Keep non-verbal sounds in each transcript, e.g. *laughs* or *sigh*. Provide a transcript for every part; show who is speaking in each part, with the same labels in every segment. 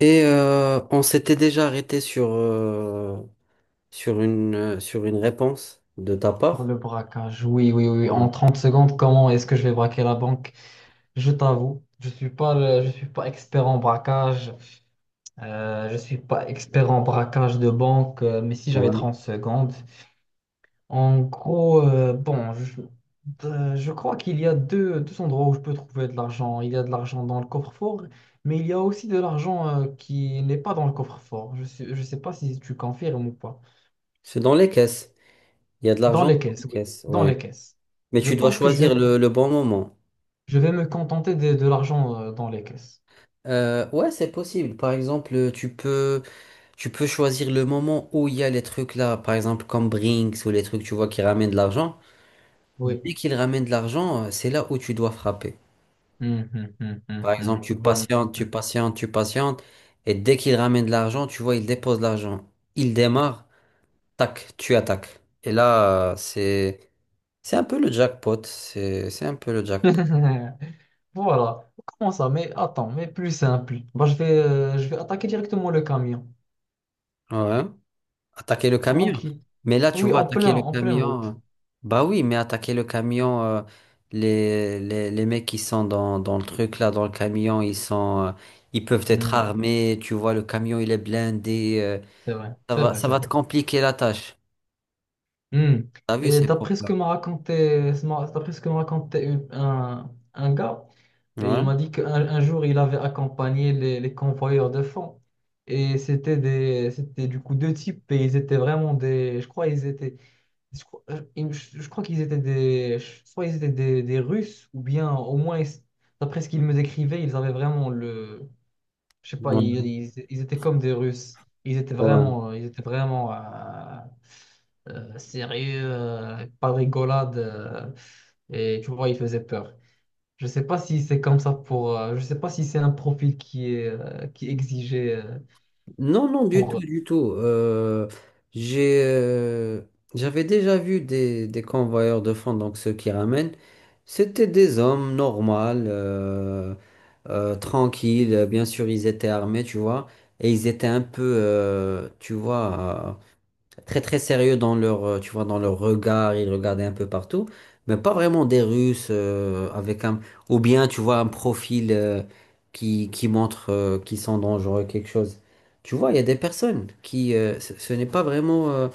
Speaker 1: Et on s'était déjà arrêté sur une réponse de ta
Speaker 2: Pour
Speaker 1: part.
Speaker 2: le braquage, oui, oui, oui.
Speaker 1: Ouais.
Speaker 2: En 30 secondes, comment est-ce que je vais braquer la banque? Je t'avoue, je suis pas expert en braquage. Je suis pas expert en braquage de banque, mais si j'avais
Speaker 1: Ouais.
Speaker 2: 30 secondes. En gros, bon, je crois qu'il y a deux endroits où je peux trouver de l'argent. Il y a de l'argent dans le coffre-fort, mais il y a aussi de l'argent, qui n'est pas dans le coffre-fort. Je sais pas si tu confirmes ou pas.
Speaker 1: C'est dans les caisses. Il y a de
Speaker 2: Dans
Speaker 1: l'argent
Speaker 2: les
Speaker 1: dans les
Speaker 2: caisses, oui.
Speaker 1: caisses.
Speaker 2: Dans
Speaker 1: Ouais.
Speaker 2: les caisses.
Speaker 1: Mais
Speaker 2: Je
Speaker 1: tu dois
Speaker 2: pense que je vais
Speaker 1: choisir le bon moment.
Speaker 2: Je vais me contenter de l'argent dans les caisses.
Speaker 1: Ouais, c'est possible. Par exemple, tu peux choisir le moment où il y a les trucs là, par exemple comme Brinks ou les trucs, tu vois, qui ramènent de l'argent.
Speaker 2: Oui.
Speaker 1: Dès qu'ils ramènent de l'argent, c'est là où tu dois frapper. Par exemple, tu
Speaker 2: Bonne.
Speaker 1: patientes, tu
Speaker 2: Hum.
Speaker 1: patientes, tu patientes, et dès qu'il ramène de l'argent, tu vois, il dépose l'argent. Il démarre, tac, tu attaques. Et là, c'est un peu le jackpot. C'est un peu le jackpot.
Speaker 2: *laughs* Voilà. Comment ça? Mais attends, mais plus simple. Bah, je vais attaquer directement le camion.
Speaker 1: Ouais. Attaquer le
Speaker 2: Avant
Speaker 1: camion.
Speaker 2: qui?
Speaker 1: Mais là, tu
Speaker 2: Oui,
Speaker 1: vois, attaquer le
Speaker 2: en pleine
Speaker 1: camion.
Speaker 2: route.
Speaker 1: Bah oui, mais attaquer le camion, les mecs qui sont dans le truc là, dans le camion, ils sont, ils peuvent être
Speaker 2: Hum.
Speaker 1: armés. Tu vois, le camion, il est blindé.
Speaker 2: C'est vrai,
Speaker 1: Ça
Speaker 2: c'est
Speaker 1: va,
Speaker 2: vrai,
Speaker 1: ça
Speaker 2: c'est
Speaker 1: va
Speaker 2: vrai.
Speaker 1: te compliquer la tâche.
Speaker 2: Hmm.
Speaker 1: T'as vu,
Speaker 2: Et
Speaker 1: c'est pour ça.
Speaker 2: d'après ce que m'a raconté un gars, et il
Speaker 1: Ouais.
Speaker 2: m'a dit qu'un un jour il avait accompagné les convoyeurs de fonds. Et c'était du coup deux types et ils étaient vraiment des, je crois ils étaient, je crois, ils- je crois qu'ils étaient soit ils étaient des Russes ou bien au moins ils- d'après ce qu'ils me décrivaient, ils avaient vraiment le, je sais pas,
Speaker 1: Ouais.
Speaker 2: ils étaient comme des Russes.
Speaker 1: Ouais.
Speaker 2: Ils étaient vraiment sérieux, pas de rigolade. Et tu vois, ils faisaient peur. Je sais pas si c'est comme ça pour. Je sais pas si c'est un profil qui est exigé
Speaker 1: Non, non, du tout,
Speaker 2: pour
Speaker 1: du tout. J'ai, j'avais déjà vu des convoyeurs de fonds, donc ceux qui ramènent. C'était des hommes normaux, tranquilles. Bien sûr, ils étaient armés, tu vois. Et ils étaient un peu, tu vois, très très sérieux dans leur, tu vois, dans leur regard, ils regardaient un peu partout, mais pas vraiment des Russes avec un, ou bien tu vois un profil qui montre qu'ils sont dangereux, quelque chose. Tu vois, il y a des personnes qui, ce n'est pas vraiment,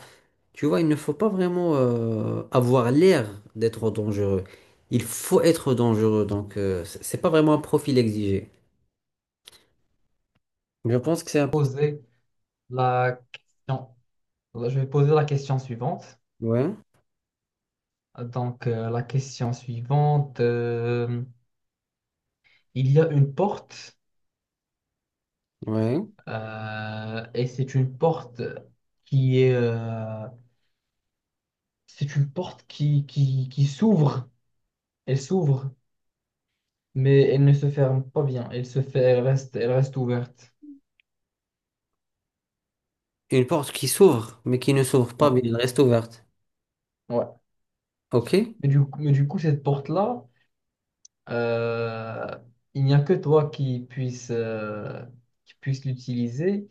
Speaker 1: tu vois, il ne faut pas vraiment avoir l'air d'être dangereux. Il faut être dangereux, donc c'est pas vraiment un profil exigé. Je pense que c'est un...
Speaker 2: poser la question. Poser la question suivante.
Speaker 1: Ouais,
Speaker 2: Donc, la question suivante. Il y a une porte
Speaker 1: ouais.
Speaker 2: euh, et c'est une porte qui est euh, c'est une porte qui s'ouvre. Elle s'ouvre, mais elle ne se ferme pas bien. Elle se fait, elle reste ouverte.
Speaker 1: Une porte qui s'ouvre, mais qui ne s'ouvre pas,
Speaker 2: Ouais,
Speaker 1: mais elle reste ouverte.
Speaker 2: ouais.
Speaker 1: Ok?
Speaker 2: Mais du coup, cette porte-là, euh, il n'y a que toi qui puisse l'utiliser.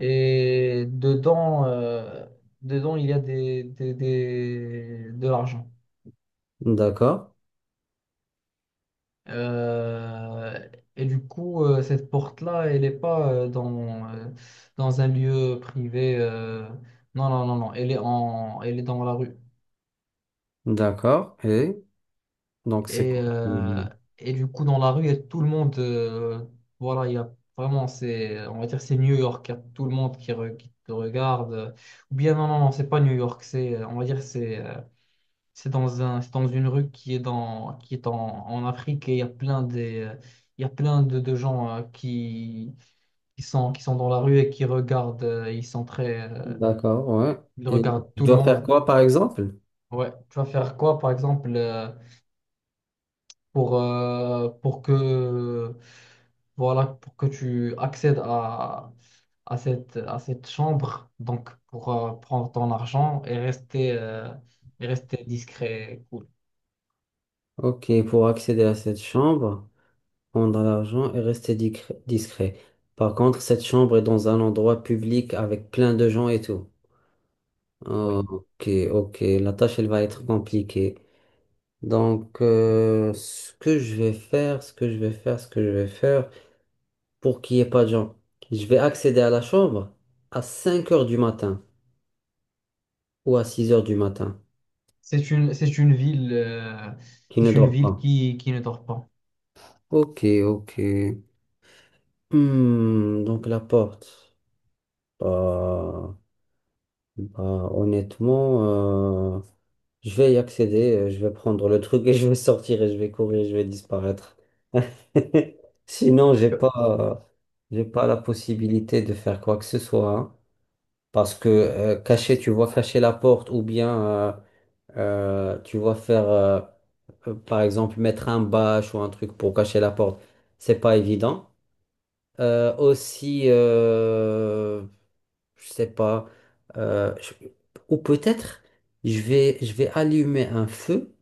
Speaker 2: Et dedans, il y a de l'argent.
Speaker 1: D'accord,
Speaker 2: Euh, et du coup, cette porte-là, elle n'est pas dans un lieu privé. Non, non, non, non. Elle est dans la rue.
Speaker 1: d'accord. Et donc c'est
Speaker 2: Et,
Speaker 1: quoi?
Speaker 2: euh, et du coup, dans la rue, il y a tout le monde. Voilà, il y a vraiment, c'est, on va dire, c'est New York. Il y a tout le monde qui te regarde. Ou bien, non, non, non, c'est pas New York. On va dire, c'est dans une rue qui est qui est en Afrique, et il y a il y a plein de gens qui qui sont dans la rue et qui regardent, ils sont très,
Speaker 1: D'accord, ouais.
Speaker 2: ils
Speaker 1: Et
Speaker 2: regardent
Speaker 1: je
Speaker 2: tout le
Speaker 1: dois faire
Speaker 2: monde.
Speaker 1: quoi par exemple?
Speaker 2: Ouais. Tu vas faire quoi, par exemple, pour que, voilà, pour que tu accèdes à à cette chambre, donc pour prendre ton argent et rester discret, et cool.
Speaker 1: Ok, pour accéder à cette chambre, prendre l'argent et rester discret. Par contre, cette chambre est dans un endroit public avec plein de gens et tout.
Speaker 2: Oui.
Speaker 1: Ok, ok. La tâche, elle va être compliquée. Donc, ce que je vais faire, ce que je vais faire, ce que je vais faire, pour qu'il n'y ait pas de gens, je vais accéder à la chambre à 5 heures du matin, ou à 6 heures du matin,
Speaker 2: C'est une, c'est une ville, euh,
Speaker 1: qui ne
Speaker 2: c'est une
Speaker 1: dort
Speaker 2: ville
Speaker 1: pas.
Speaker 2: qui ne dort pas.
Speaker 1: Ok, ok. Hmm, donc la porte. Bah, bah, honnêtement, je vais y accéder, je vais prendre le truc et *laughs* je vais sortir et je vais courir, je vais disparaître. *laughs* Sinon, j'ai pas la possibilité de faire quoi que ce soit. Hein. Parce que cacher, tu vois, cacher la porte ou bien Euh, tu vois, faire, euh, par exemple, mettre un bâche ou un truc pour cacher la porte, c'est pas évident. Aussi, je sais pas, euh, je- ou peut-être je vais allumer un feu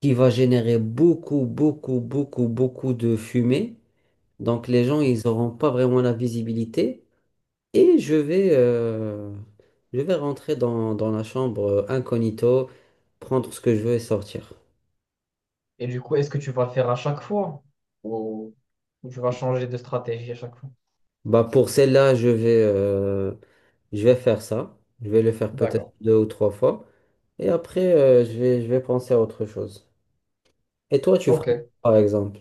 Speaker 1: qui va générer beaucoup, beaucoup, beaucoup, beaucoup de fumée. Donc les gens, ils n'auront pas vraiment la visibilité. Et je vais rentrer dans la chambre incognito, prendre ce que je veux et sortir.
Speaker 2: Et du coup, est-ce que tu vas le faire à chaque fois ou, ou tu vas changer de stratégie à chaque fois?
Speaker 1: Bah pour celle-là, je vais faire ça. Je vais le faire peut-être
Speaker 2: D'accord.
Speaker 1: deux ou trois fois. Et après, je vais penser à autre chose. Et toi, tu ferais quoi,
Speaker 2: Ok.
Speaker 1: par exemple?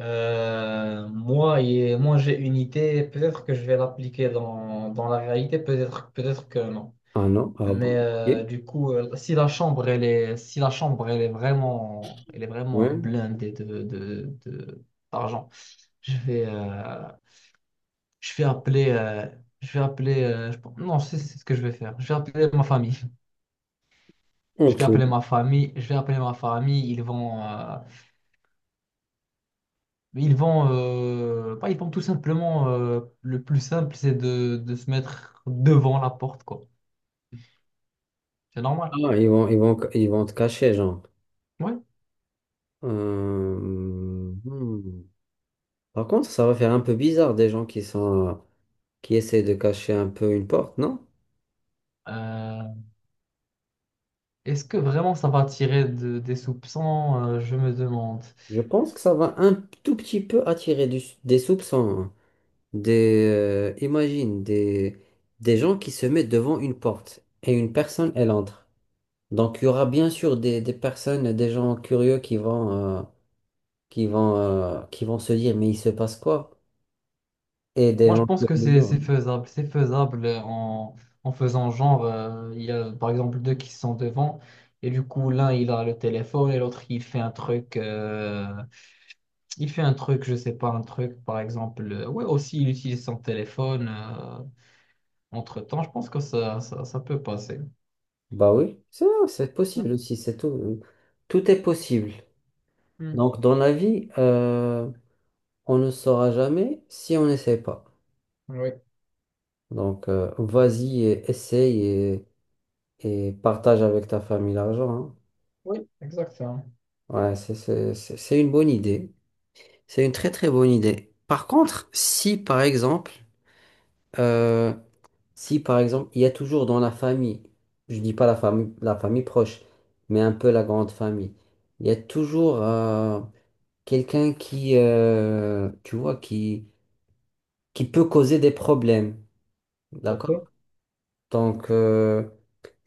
Speaker 2: Moi, moi, j'ai une idée. Peut-être que je vais l'appliquer dans la réalité. Peut-être, peut-être que non.
Speaker 1: Ah non? Ah
Speaker 2: Mais
Speaker 1: bon? Ok.
Speaker 2: du coup, si la chambre, si la chambre, elle est vraiment
Speaker 1: Ouais.
Speaker 2: blindée d'argent. je vais, euh, je vais appeler, euh, je vais appeler, non, c'est ce que je vais faire. Je vais appeler ma famille.
Speaker 1: Ok.
Speaker 2: Je vais appeler ma famille, ils vont, bah, ils vont tout simplement, le plus simple, c'est de se mettre devant la porte, quoi. C'est normal.
Speaker 1: Ah, ils vont te cacher, genre.
Speaker 2: Oui.
Speaker 1: Euh, hmm. Par contre, ça va faire un peu bizarre des gens qui sont, qui essaient de cacher un peu une porte, non?
Speaker 2: Euh, Est-ce que vraiment ça va attirer des soupçons? Je me demande.
Speaker 1: Je pense que ça va un tout petit peu attirer des soupçons. Hein. Imagine des gens qui se mettent devant une porte et une personne, elle entre. Donc, il y aura bien sûr des personnes, des gens curieux euh, qui vont se dire, mais il se passe quoi? Et des
Speaker 2: Moi, je
Speaker 1: gens
Speaker 2: pense que
Speaker 1: curieux. Hein.
Speaker 2: c'est faisable. C'est faisable en faisant genre, il y a par exemple deux qui sont devant, et du coup, l'un, il a le téléphone, et l'autre, il fait un truc. Il fait un truc, je sais pas, un truc, par exemple. Ouais, aussi, il utilise son téléphone entre-temps. Je pense que ça peut passer.
Speaker 1: Bah oui, c'est
Speaker 2: Hmm,
Speaker 1: possible aussi, c'est tout. Tout est possible.
Speaker 2: hmm.
Speaker 1: Donc, dans la vie, on ne saura jamais si on n'essaie pas.
Speaker 2: Oui,
Speaker 1: Donc, vas-y, et essaye et partage avec ta famille l'argent. Hein.
Speaker 2: oui, exactement.
Speaker 1: Ouais, c'est une bonne idée. C'est une très très bonne idée. Par contre, si par exemple, euh, il y a toujours dans la famille, je dis pas la famille, la famille proche, mais un peu la grande famille, il y a toujours quelqu'un qui, tu vois, qui peut causer des problèmes.
Speaker 2: Ok.
Speaker 1: D'accord? Donc,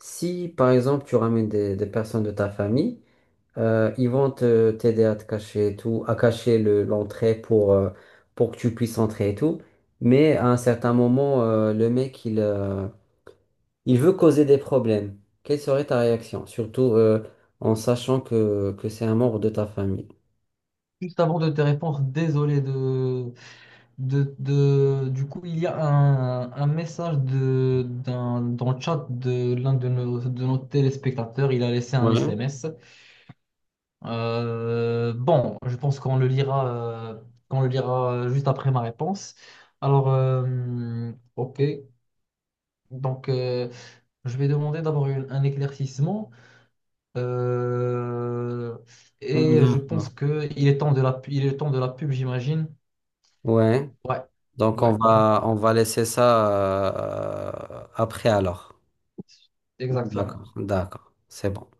Speaker 1: si par exemple, tu ramènes des personnes de ta famille, ils vont te t'aider à te cacher et tout, à cacher l'entrée pour que tu puisses entrer et tout. Mais à un certain moment, le mec, il veut causer des problèmes. Quelle serait ta réaction? Surtout en sachant que, c'est un membre de ta famille.
Speaker 2: Juste avant de te répondre, désolé du coup, il y a un message dans le chat de l'un de nos téléspectateurs. Il a laissé un
Speaker 1: Ouais.
Speaker 2: SMS. Bon, je pense qu'on le lira, euh, juste après ma réponse. Alors, ok. Donc, je vais demander d'abord un éclaircissement. Euh, et je pense
Speaker 1: D'accord.
Speaker 2: que il est temps de la, pu- il est temps de la pub, j'imagine.
Speaker 1: Ouais.
Speaker 2: Ouais,
Speaker 1: Donc
Speaker 2: ouais. Donc,
Speaker 1: on va laisser ça après alors.
Speaker 2: exactement.
Speaker 1: D'accord, d'accord. C'est bon.